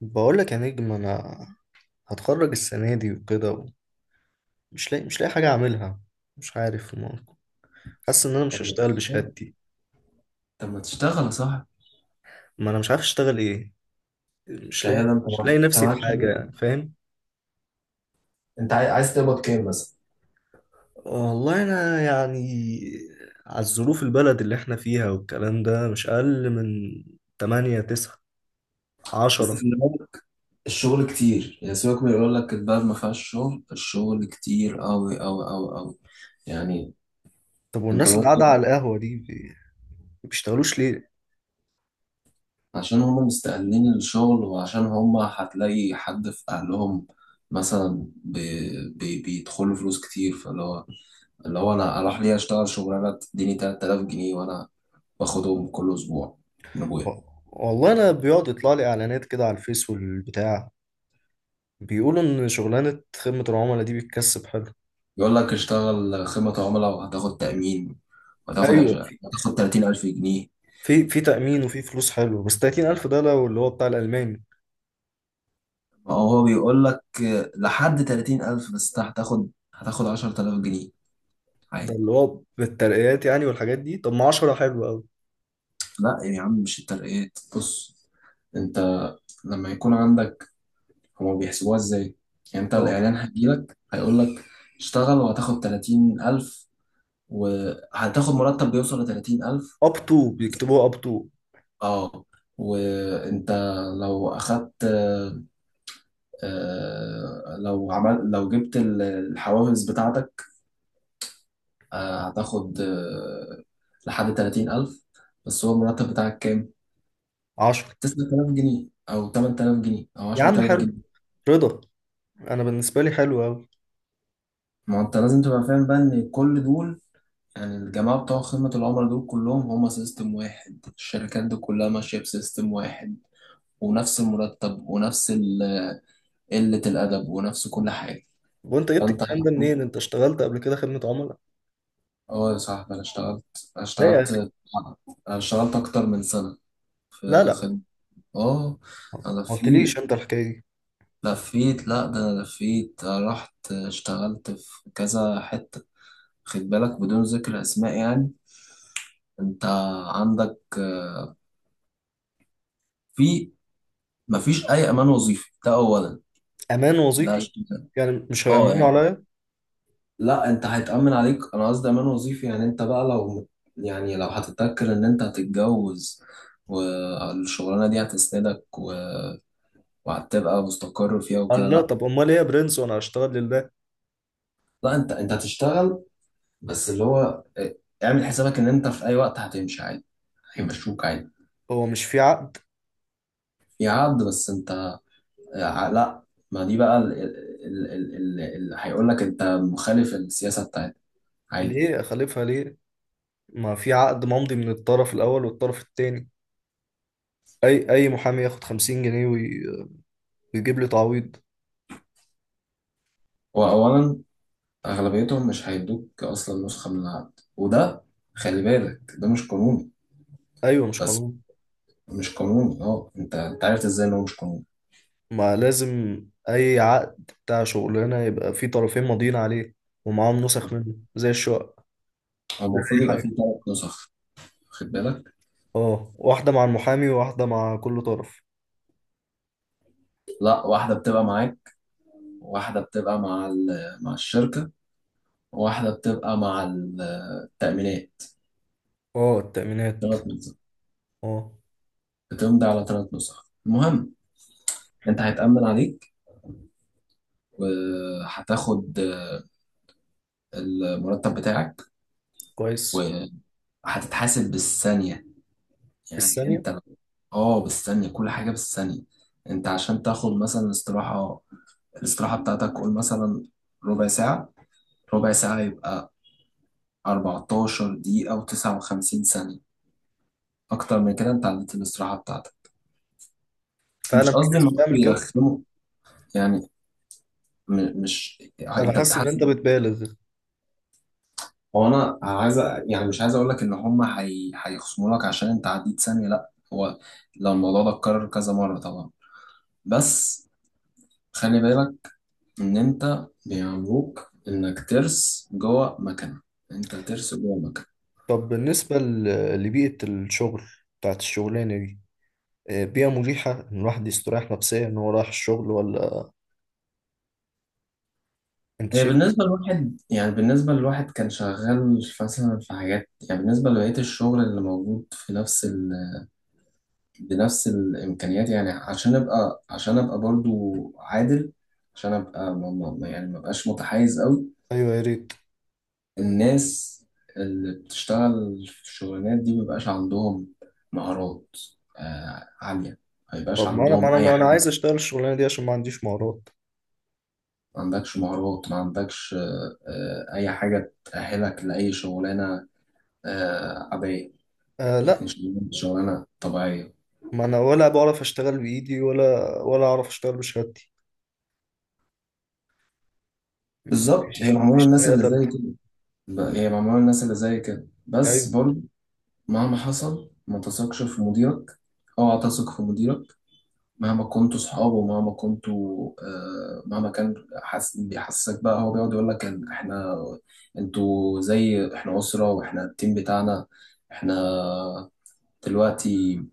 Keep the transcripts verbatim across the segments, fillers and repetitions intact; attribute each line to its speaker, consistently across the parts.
Speaker 1: بقول لك يا نجم، انا هتخرج السنه دي وكده. مش لاقي مش لاقي حاجه اعملها. مش عارف. ما- حاسس ان انا مش
Speaker 2: طب ما
Speaker 1: هشتغل
Speaker 2: تشتغل
Speaker 1: بشهادتي.
Speaker 2: طب ما تشتغل يا صاحبي.
Speaker 1: ما انا مش عارف اشتغل ايه. مش لاقي
Speaker 2: شهادة، انت
Speaker 1: مش
Speaker 2: معاك
Speaker 1: لاقي
Speaker 2: انت
Speaker 1: نفسي
Speaker 2: معاك
Speaker 1: في
Speaker 2: شهادة.
Speaker 1: حاجه، فاهم؟
Speaker 2: انت عاي- عايز تقبض كام مثلا؟
Speaker 1: والله انا يعني على الظروف البلد اللي احنا فيها والكلام ده، مش اقل من ثمانية تسعة
Speaker 2: بس
Speaker 1: عشرة.
Speaker 2: في الأول، الشغل كتير، يعني سيبك من يقول لك البلد ما فيهاش شغل، الشغل كتير قوي قوي قوي قوي. يعني
Speaker 1: طب
Speaker 2: انت
Speaker 1: والناس اللي قاعده على
Speaker 2: ممكن،
Speaker 1: القهوه دي بي- بيشتغلوش ليه؟
Speaker 2: عشان هم مستقلين الشغل، وعشان هم هتلاقي حد في اهلهم مثلا بي بي بيدخلوا فلوس كتير، فاللي هو اللي هو انا اروح ليه اشتغل شغلانه تديني تلات آلاف جنيه وانا باخدهم كل اسبوع من ابويا.
Speaker 1: و- والله انا بيقعد يطلع لي اعلانات كده على الفيس والبتاع، بيقولوا ان شغلانه خدمه العملاء دي بتكسب حلو.
Speaker 2: بيقول لك اشتغل خدمة عملاء وهتاخد تأمين
Speaker 1: أو
Speaker 2: وهتاخد
Speaker 1: ايوه،
Speaker 2: عش...
Speaker 1: في
Speaker 2: هتاخد تلاتين ألف جنيه.
Speaker 1: في في تامين وفي فلوس حلو، بس تلاتين الف ده لو اللي هو بتاع الالماني.
Speaker 2: ما هو بيقول لك لحد تلاتين ألف، بس انت هتاخد هتاخد عشر آلاف جنيه
Speaker 1: ده
Speaker 2: عادي.
Speaker 1: اللي هو بالترقيات يعني والحاجات دي. طب ما عشرة حلو قوي.
Speaker 2: لا يا عم، مش الترقيات، بص، انت لما يكون عندك، هما بيحسبوها ازاي؟ يعني انت
Speaker 1: اه،
Speaker 2: الاعلان هيجيلك هيقول لك اشتغل وهتاخد تلاتين ألف، وهتاخد مرتب بيوصل ل تلاتين ألف.
Speaker 1: اب تو، بيكتبوها اب تو.
Speaker 2: اه، وانت لو اخدت، آه، لو عمل لو جبت ال- الحوافز بتاعتك، آه، هتاخد آه، لحد ثلاثين ألف. بس هو المرتب بتاعك كام؟
Speaker 1: عشرة
Speaker 2: تسعة آلاف جنيه أو تمانية آلاف جنيه أو
Speaker 1: يا عم،
Speaker 2: 10000
Speaker 1: حلو
Speaker 2: جنيه
Speaker 1: رضا. انا بالنسبه لي حلو قوي.
Speaker 2: ما أنت لازم تبقى فاهم بقى إن كل دول، يعني الجماعة بتوع خدمة العملاء دول كلهم هما سيستم واحد، الشركات دي كلها ماشية بسيستم واحد، ونفس المرتب ونفس ال- قلة الأدب ونفس كل حاجة.
Speaker 1: وانت جبت
Speaker 2: فأنت،
Speaker 1: الكلام ده منين؟ انت اشتغلت قبل كده خدمه عملاء؟
Speaker 2: اه يا صاحبي، انا اشتغلت
Speaker 1: لا يا
Speaker 2: اشتغلت
Speaker 1: اخي.
Speaker 2: انا اشتغلت اكتر من سنة
Speaker 1: لا،
Speaker 2: في
Speaker 1: لا،
Speaker 2: خدمة. اه، انا
Speaker 1: ما
Speaker 2: لفيت
Speaker 1: قلتليش انت الحكايه دي.
Speaker 2: لفيت لا، ده انا لفيت، أنا رحت اشتغلت في كذا حتة، خد بالك بدون ذكر اسماء يعني. انت عندك في، مفيش اي امان وظيفي، ده اولا.
Speaker 1: امان
Speaker 2: ده
Speaker 1: وظيفي؟
Speaker 2: اشتغل.
Speaker 1: يعني مش
Speaker 2: اه
Speaker 1: هيأمنوا
Speaker 2: يعني
Speaker 1: عليا؟
Speaker 2: لا، انت هيتأمن عليك، انا قصدي امان وظيفي، يعني انت بقى لو، يعني لو هتتذكر ان انت هتتجوز والشغلانه دي هتسندك و... وهتبقى مستقر فيها وكده،
Speaker 1: قال لا.
Speaker 2: لا.
Speaker 1: طب امال ايه يا برنس، وانا هشتغل لله؟
Speaker 2: لا انت، انت هتشتغل، بس اللي هو اه، اعمل حسابك ان انت في اي وقت هتمشي عادي، هيمشوك عادي.
Speaker 1: هو مش في عقد؟
Speaker 2: في عقد، بس انت، اه، لا ما دي بقى ال- ال- ال- ال- اللي هيقول لك انت مخالف السياسة بتاعتك، عادي.
Speaker 1: ليه اخالفها ليه؟ ما في عقد ممضي من الطرف الاول والطرف التاني. اي اي محامي ياخد خمسين جنيه وي- ويجيب لي تعويض.
Speaker 2: هو اولا، اغلبيتهم مش هيدوك اصلا نسخة من العقد، وده خلي بالك ده مش قانوني.
Speaker 1: ايوه، مش
Speaker 2: بس
Speaker 1: قانون.
Speaker 2: مش قانوني، اه انت، انت عرفت ازاي ان هو مش قانوني؟
Speaker 1: ما لازم اي عقد بتاع شغلانه يبقى في طرفين ماضيين عليه، ومعاهم
Speaker 2: هو
Speaker 1: نسخ منه زي الشقه، زي اي
Speaker 2: المفروض يبقى فيه
Speaker 1: حاجه.
Speaker 2: ثلاث نسخ، واخد بالك؟
Speaker 1: اه، واحده مع المحامي وواحده مع كل طرف.
Speaker 2: لا، واحدة بتبقى معاك، واحدة بتبقى مع ال- مع الشركة، وواحدة بتبقى مع ال- التأمينات.
Speaker 1: اه، التأمينات.
Speaker 2: ثلاث نسخ،
Speaker 1: اه.
Speaker 2: بتمضي على ثلاث نسخ. المهم، انت هيتأمن عليك وهتاخد آه، المرتب بتاعك،
Speaker 1: كويس.
Speaker 2: وهتتحاسب بالثانية. يعني
Speaker 1: الثانيه.
Speaker 2: انت، اه بالثانية، كل حاجة بالثانية. انت عشان تاخد مثلا استراحة، الاستراحة بتاعتك قول مثلا ربع ساعة، ربع ساعة يبقى أربعة عشر دقيقة و59 ثانية، أكتر من كده أنت عديت الاستراحة بتاعتك. مش
Speaker 1: فعلا في
Speaker 2: قصدي ان
Speaker 1: ناس
Speaker 2: هم
Speaker 1: بتعمل كده.
Speaker 2: بيرخموا يعني، م- مش
Speaker 1: انا
Speaker 2: انت
Speaker 1: حاسس ان انت
Speaker 2: بتحاسب.
Speaker 1: بتبالغ.
Speaker 2: هو انا عايز أ- يعني مش عايز اقول لك ان هم هي... هيخصموا لك عشان انت عديت ثانيه، لا، هو لو الموضوع ده اتكرر كذا مره طبعا، بس خلي بالك ان انت بيعملوك انك ترس جوه مكنه، انت ترس جوه مكنه.
Speaker 1: طب بالنسبه ل- لبيئه الشغل بتاعت الشغلانه دي، آه، بيئة مريحة إن الواحد يستريح نفسيا إن هو رايح الشغل، ولا أنت
Speaker 2: هي
Speaker 1: شايف؟
Speaker 2: بالنسبه لواحد، يعني بالنسبه لواحد كان شغال مثلا في حاجات، يعني بالنسبه لبقيه الشغل اللي موجود في نفس ال، بنفس الامكانيات، يعني عشان ابقى، عشان ابقى برضو عادل، عشان ابقى ما ما- ما- يعني ما بقاش متحيز قوي.
Speaker 1: أيوه يا ريت.
Speaker 2: الناس اللي بتشتغل في الشغلانات دي ما بيبقاش عندهم مهارات آه، عالية، ما يبقاش
Speaker 1: طب ما أنا ما
Speaker 2: عندهم
Speaker 1: أنا
Speaker 2: أي
Speaker 1: ما أنا عايز
Speaker 2: حاجة.
Speaker 1: أشتغل الشغلانة دي عشان ما عنديش مهارات.
Speaker 2: ما عندكش مهارات، ما عندكش آه، آه، أي حاجة تأهلك لأي شغلانة آه، عادية.
Speaker 1: آه
Speaker 2: يعني
Speaker 1: لا.
Speaker 2: شغلانة، شغلانة طبيعية.
Speaker 1: ما أنا ولا بعرف أشتغل بإيدي، ولا ولا أعرف أشتغل بشهادتي.
Speaker 2: بالظبط، هي
Speaker 1: مفيش
Speaker 2: معمولة
Speaker 1: مفيش
Speaker 2: للناس
Speaker 1: طريقة
Speaker 2: اللي زي
Speaker 1: تالتة؟
Speaker 2: كده. ب- هي معمولة للناس اللي زي كده بس
Speaker 1: أيوه.
Speaker 2: برضو، مهما حصل ما تثقش في مديرك. اوعى تثق في مديرك مهما كنتوا صحاب، ومهما كنتوا آه، مهما كان، حس... بيحسسك بقى، هو بيقعد يقول لك إن احنا، انتوا زي احنا أسرة، واحنا التيم بتاعنا، احنا، دلوقتي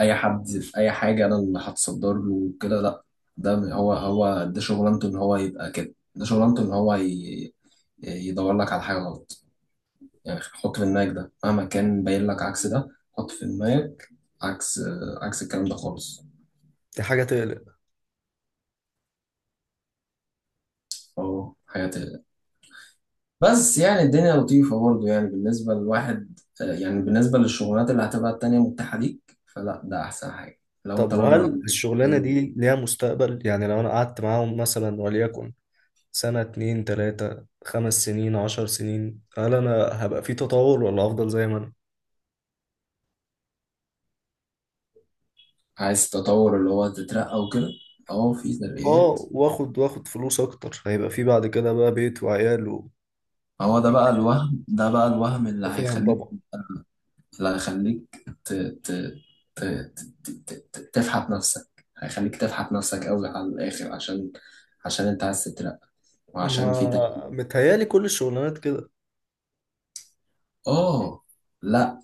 Speaker 2: اي حد في اي حاجة انا اللي هتصدر له وكده. لا، ده هو، هو ده شغلانته ان هو يبقى كده، ده شغلانته ان هو ي... يدور لك على حاجة غلط. يعني حط في دماغك ده، مهما كان باين لك عكس ده، حط في دماغك عكس، عكس الكلام ده خالص.
Speaker 1: دي حاجة تقلق.
Speaker 2: اه حياتي. بس يعني الدنيا لطيفة برضه، يعني بالنسبة للواحد، يعني بالنسبة للشغلانات اللي هتبقى التانية متاحة ليك، فلا، ده أحسن حاجة لو
Speaker 1: طب
Speaker 2: أنت راجل ما
Speaker 1: وهل
Speaker 2: عندكش
Speaker 1: الشغلانة
Speaker 2: أي.
Speaker 1: دي ليها مستقبل؟ يعني لو أنا قعدت معاهم مثلا وليكن سنة اتنين تلاتة، خمس سنين، عشر سنين، هل أنا هبقى في تطور ولا أفضل زي ما أنا؟
Speaker 2: عايز تطور، اللي هو تترقى وكده؟ أهو في ترقيات.
Speaker 1: اه، واخد واخد فلوس اكتر. هيبقى في بعد كده بقى بيت وعيال و...
Speaker 2: هو ده بقى الوهم، ده بقى الوهم اللي
Speaker 1: فاهم
Speaker 2: هيخليك،
Speaker 1: طبعا.
Speaker 2: لا هيخليك ت... ت... ت... ت... ت... ت... ت- تفحت نفسك، هيخليك تفحت نفسك قوي على الآخر عشان، عشان انت عايز تترقى وعشان في ترقى.
Speaker 1: ما متهيالي كل الشغلانات كده؟
Speaker 2: اه، لا،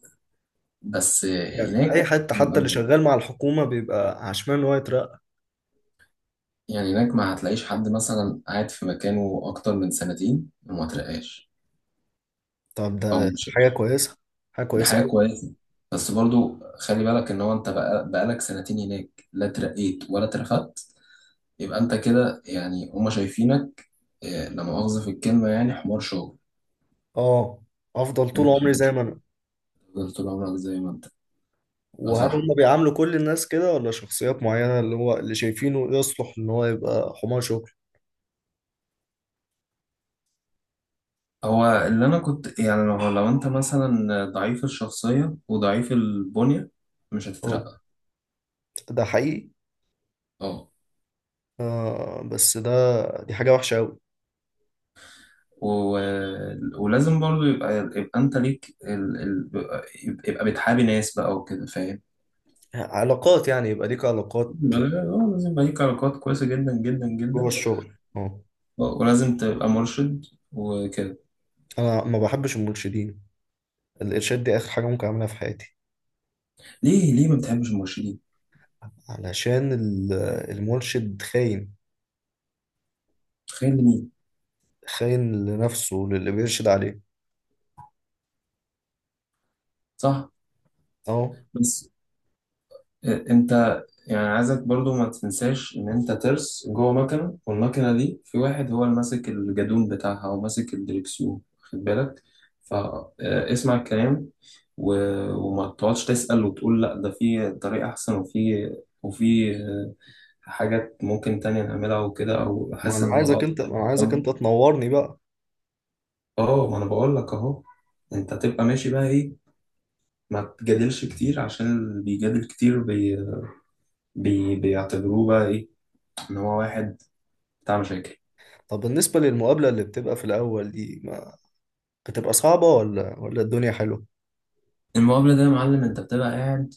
Speaker 2: بس
Speaker 1: يعني
Speaker 2: هناك،
Speaker 1: اي حد حتى اللي شغال مع الحكومة بيبقى عشمان ان هو يترقى.
Speaker 2: يعني هناك ما هتلاقيش حد مثلا قاعد في مكانه أكتر من سنتين وما ترقاش
Speaker 1: طب
Speaker 2: أو
Speaker 1: ده حاجة
Speaker 2: مشيش.
Speaker 1: كويسة، حاجة
Speaker 2: دي
Speaker 1: كويسة
Speaker 2: حاجة
Speaker 1: أوي.
Speaker 2: كويسة. بس برضو خلي بالك إن هو، أنت بقى- بقالك سنتين هناك لا ترقيت ولا اترفدت، يبقى انت كده يعني هما شايفينك آه، لا مؤاخذة في الكلمة يعني حمار شغل.
Speaker 1: اه، افضل طول
Speaker 2: انت
Speaker 1: عمري زي
Speaker 2: مش
Speaker 1: ما انا؟
Speaker 2: هتفضل طول عمرك زي ما انت. اه
Speaker 1: وهل
Speaker 2: صح.
Speaker 1: هم بيعاملوا كل الناس كده ولا شخصيات معينة، اللي هو اللي شايفينه يصلح ان هو يبقى حمار شغل؟
Speaker 2: هو اللي انا كنت يعني، لو لو انت مثلا ضعيف الشخصية وضعيف البنية، مش
Speaker 1: اه،
Speaker 2: هتترقى.
Speaker 1: ده حقيقي.
Speaker 2: اه.
Speaker 1: آه بس ده، دي حاجة وحشة أوي.
Speaker 2: و... ولازم برضو يبقى، يبقى انت ليك ال... ال... يبقى يبقى بتحابي ناس بقى وكده، فاهم؟
Speaker 1: علاقات يعني، يبقى ليك علاقات
Speaker 2: يبقى- اه لازم يبقى ليك علاقات كويسة جدا جدا
Speaker 1: جوه
Speaker 2: جدا.
Speaker 1: الشغل. اه.
Speaker 2: اه، ولازم تبقى مرشد وكده.
Speaker 1: انا ما بحبش المرشدين. الارشاد دي اخر حاجه ممكن اعملها في حياتي.
Speaker 2: ليه، ليه ما بتحبش المرشدين؟
Speaker 1: علشان ال- المرشد خاين،
Speaker 2: تخيل.
Speaker 1: خاين لنفسه وللي بيرشد عليه.
Speaker 2: صح.
Speaker 1: اه.
Speaker 2: بس آه، انت، يعني عايزك برضو ما تنساش ان انت ترس جوه مكنه، والمكنه دي في واحد هو اللي ماسك الجدون بتاعها او ماسك الدركسيون، خد بالك، فاسمع الكلام، و- وما تقعدش تسأل وتقول لا ده في طريقة احسن، وفي وفي آه، حاجات ممكن تانية نعملها وكده، او
Speaker 1: ما
Speaker 2: حاسس
Speaker 1: انا
Speaker 2: ان الموضوع
Speaker 1: عايزك انت ما انا عايزك
Speaker 2: ده.
Speaker 1: انت تنورني بقى.
Speaker 2: اه ما انا بقول لك اهو، انت تبقى ماشي بقى ايه، ما تجادلش كتير، عشان اللي بيجادل كتير بي بيعتبروه بقى ايه، ان هو واحد بتاع مشاكل.
Speaker 1: طب بالنسبه للمقابله اللي بتبقى في الاول دي، ما بتبقى صعبه ولا ولا الدنيا حلوه؟
Speaker 2: المقابله ده يا معلم، انت بتبقى قاعد،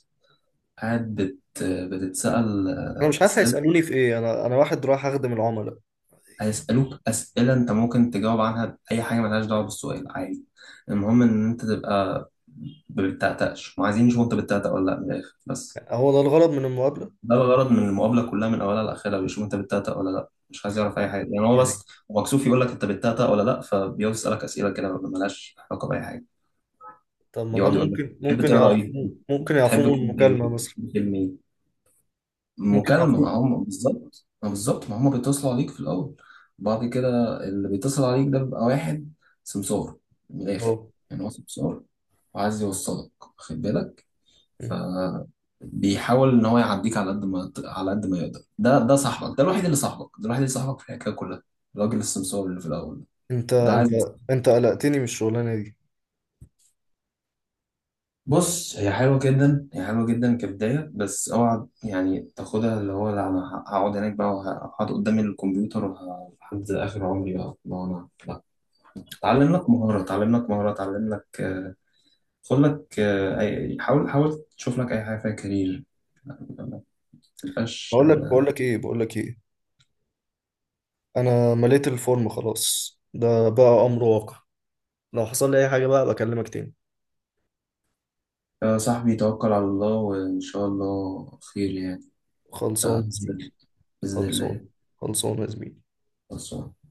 Speaker 2: قاعد بت بتتسأل
Speaker 1: انا
Speaker 2: آه،
Speaker 1: مش عارف
Speaker 2: اسئله.
Speaker 1: هيسالوني في ايه. انا انا واحد رايح اخدم العملاء.
Speaker 2: هيسألوك اسئله انت ممكن تجاوب عنها باي حاجه ملهاش دعوه بالسؤال عادي. المهم ان انت تبقى ما بتتأتأش، وعايزين يشوفوا انت بتتأتأ ولا لا من الاخر بس.
Speaker 1: هو ده الغرض من المقابله
Speaker 2: ده الغرض من المقابله كلها، من اولها لاخرها بيشوفوا انت بتتأتأ ولا لا، مش عايز يعرف اي حاجه، يعني هو
Speaker 1: يعني؟
Speaker 2: بس مكسوف يقول لك انت بتتأتأ ولا لا، فبيقعد يسألك اسئله كده ملهاش علاقه باي حاجه.
Speaker 1: طب ما ده
Speaker 2: يقعد يقول لك
Speaker 1: ممكن
Speaker 2: بتحب
Speaker 1: ممكن
Speaker 2: تقرا ايه؟
Speaker 1: يعرفوه، ممكن يعرفوه
Speaker 2: بتحب
Speaker 1: من
Speaker 2: كتاب ايه؟
Speaker 1: المكالمه مثلا؟
Speaker 2: بتحب فيلم ايه؟
Speaker 1: ممكن
Speaker 2: مكالمة،
Speaker 1: يعرفوه.
Speaker 2: ما هم بالظبط، ما بالظبط ما هم بيتصلوا عليك في الأول. بعد كده اللي بيتصل عليك ده بيبقى واحد سمسار من الآخر.
Speaker 1: اه.
Speaker 2: يعني هو سمسار وعايز يوصلك، واخد بالك، فبيحاول إن هو يعديك على قد ما على قد ما يقدر. ده ده صاحبك ده الوحيد، اللي صاحبك ده الوحيد، اللي صاحبك في الحكاية كلها، الراجل السمسار اللي في الأول ده،
Speaker 1: انت
Speaker 2: ده
Speaker 1: انت
Speaker 2: عايز.
Speaker 1: انت قلقتني من الشغلانه دي.
Speaker 2: بص هي حلوة جدا هي حلوة جدا كبداية، بس اوعى يعني تاخدها اللي هو لا انا هقعد هناك بقى وهقعد قدام الكمبيوتر وه- لحد اخر عمري بقى، ما هو انا لا. اتعلم لك مهارة، اتعلم لك مهارة، اتعلم لك آه، خد لك آه، أي- حاول حاول تشوف لك اي حاجة فيها كارير، ما تبقاش.
Speaker 1: بقول لك بقول لك ايه بقول لك ايه؟ انا مليت الفورم خلاص، ده بقى امر واقع. لو حصل لي اي حاجه بقى بكلمك تاني.
Speaker 2: يا صاحبي توكل على الله وان شاء الله خير يعني.
Speaker 1: خلصان يا
Speaker 2: ده
Speaker 1: زميلي.
Speaker 2: بإذن الله.
Speaker 1: خلصان، خلصان يا زميلي.
Speaker 2: بس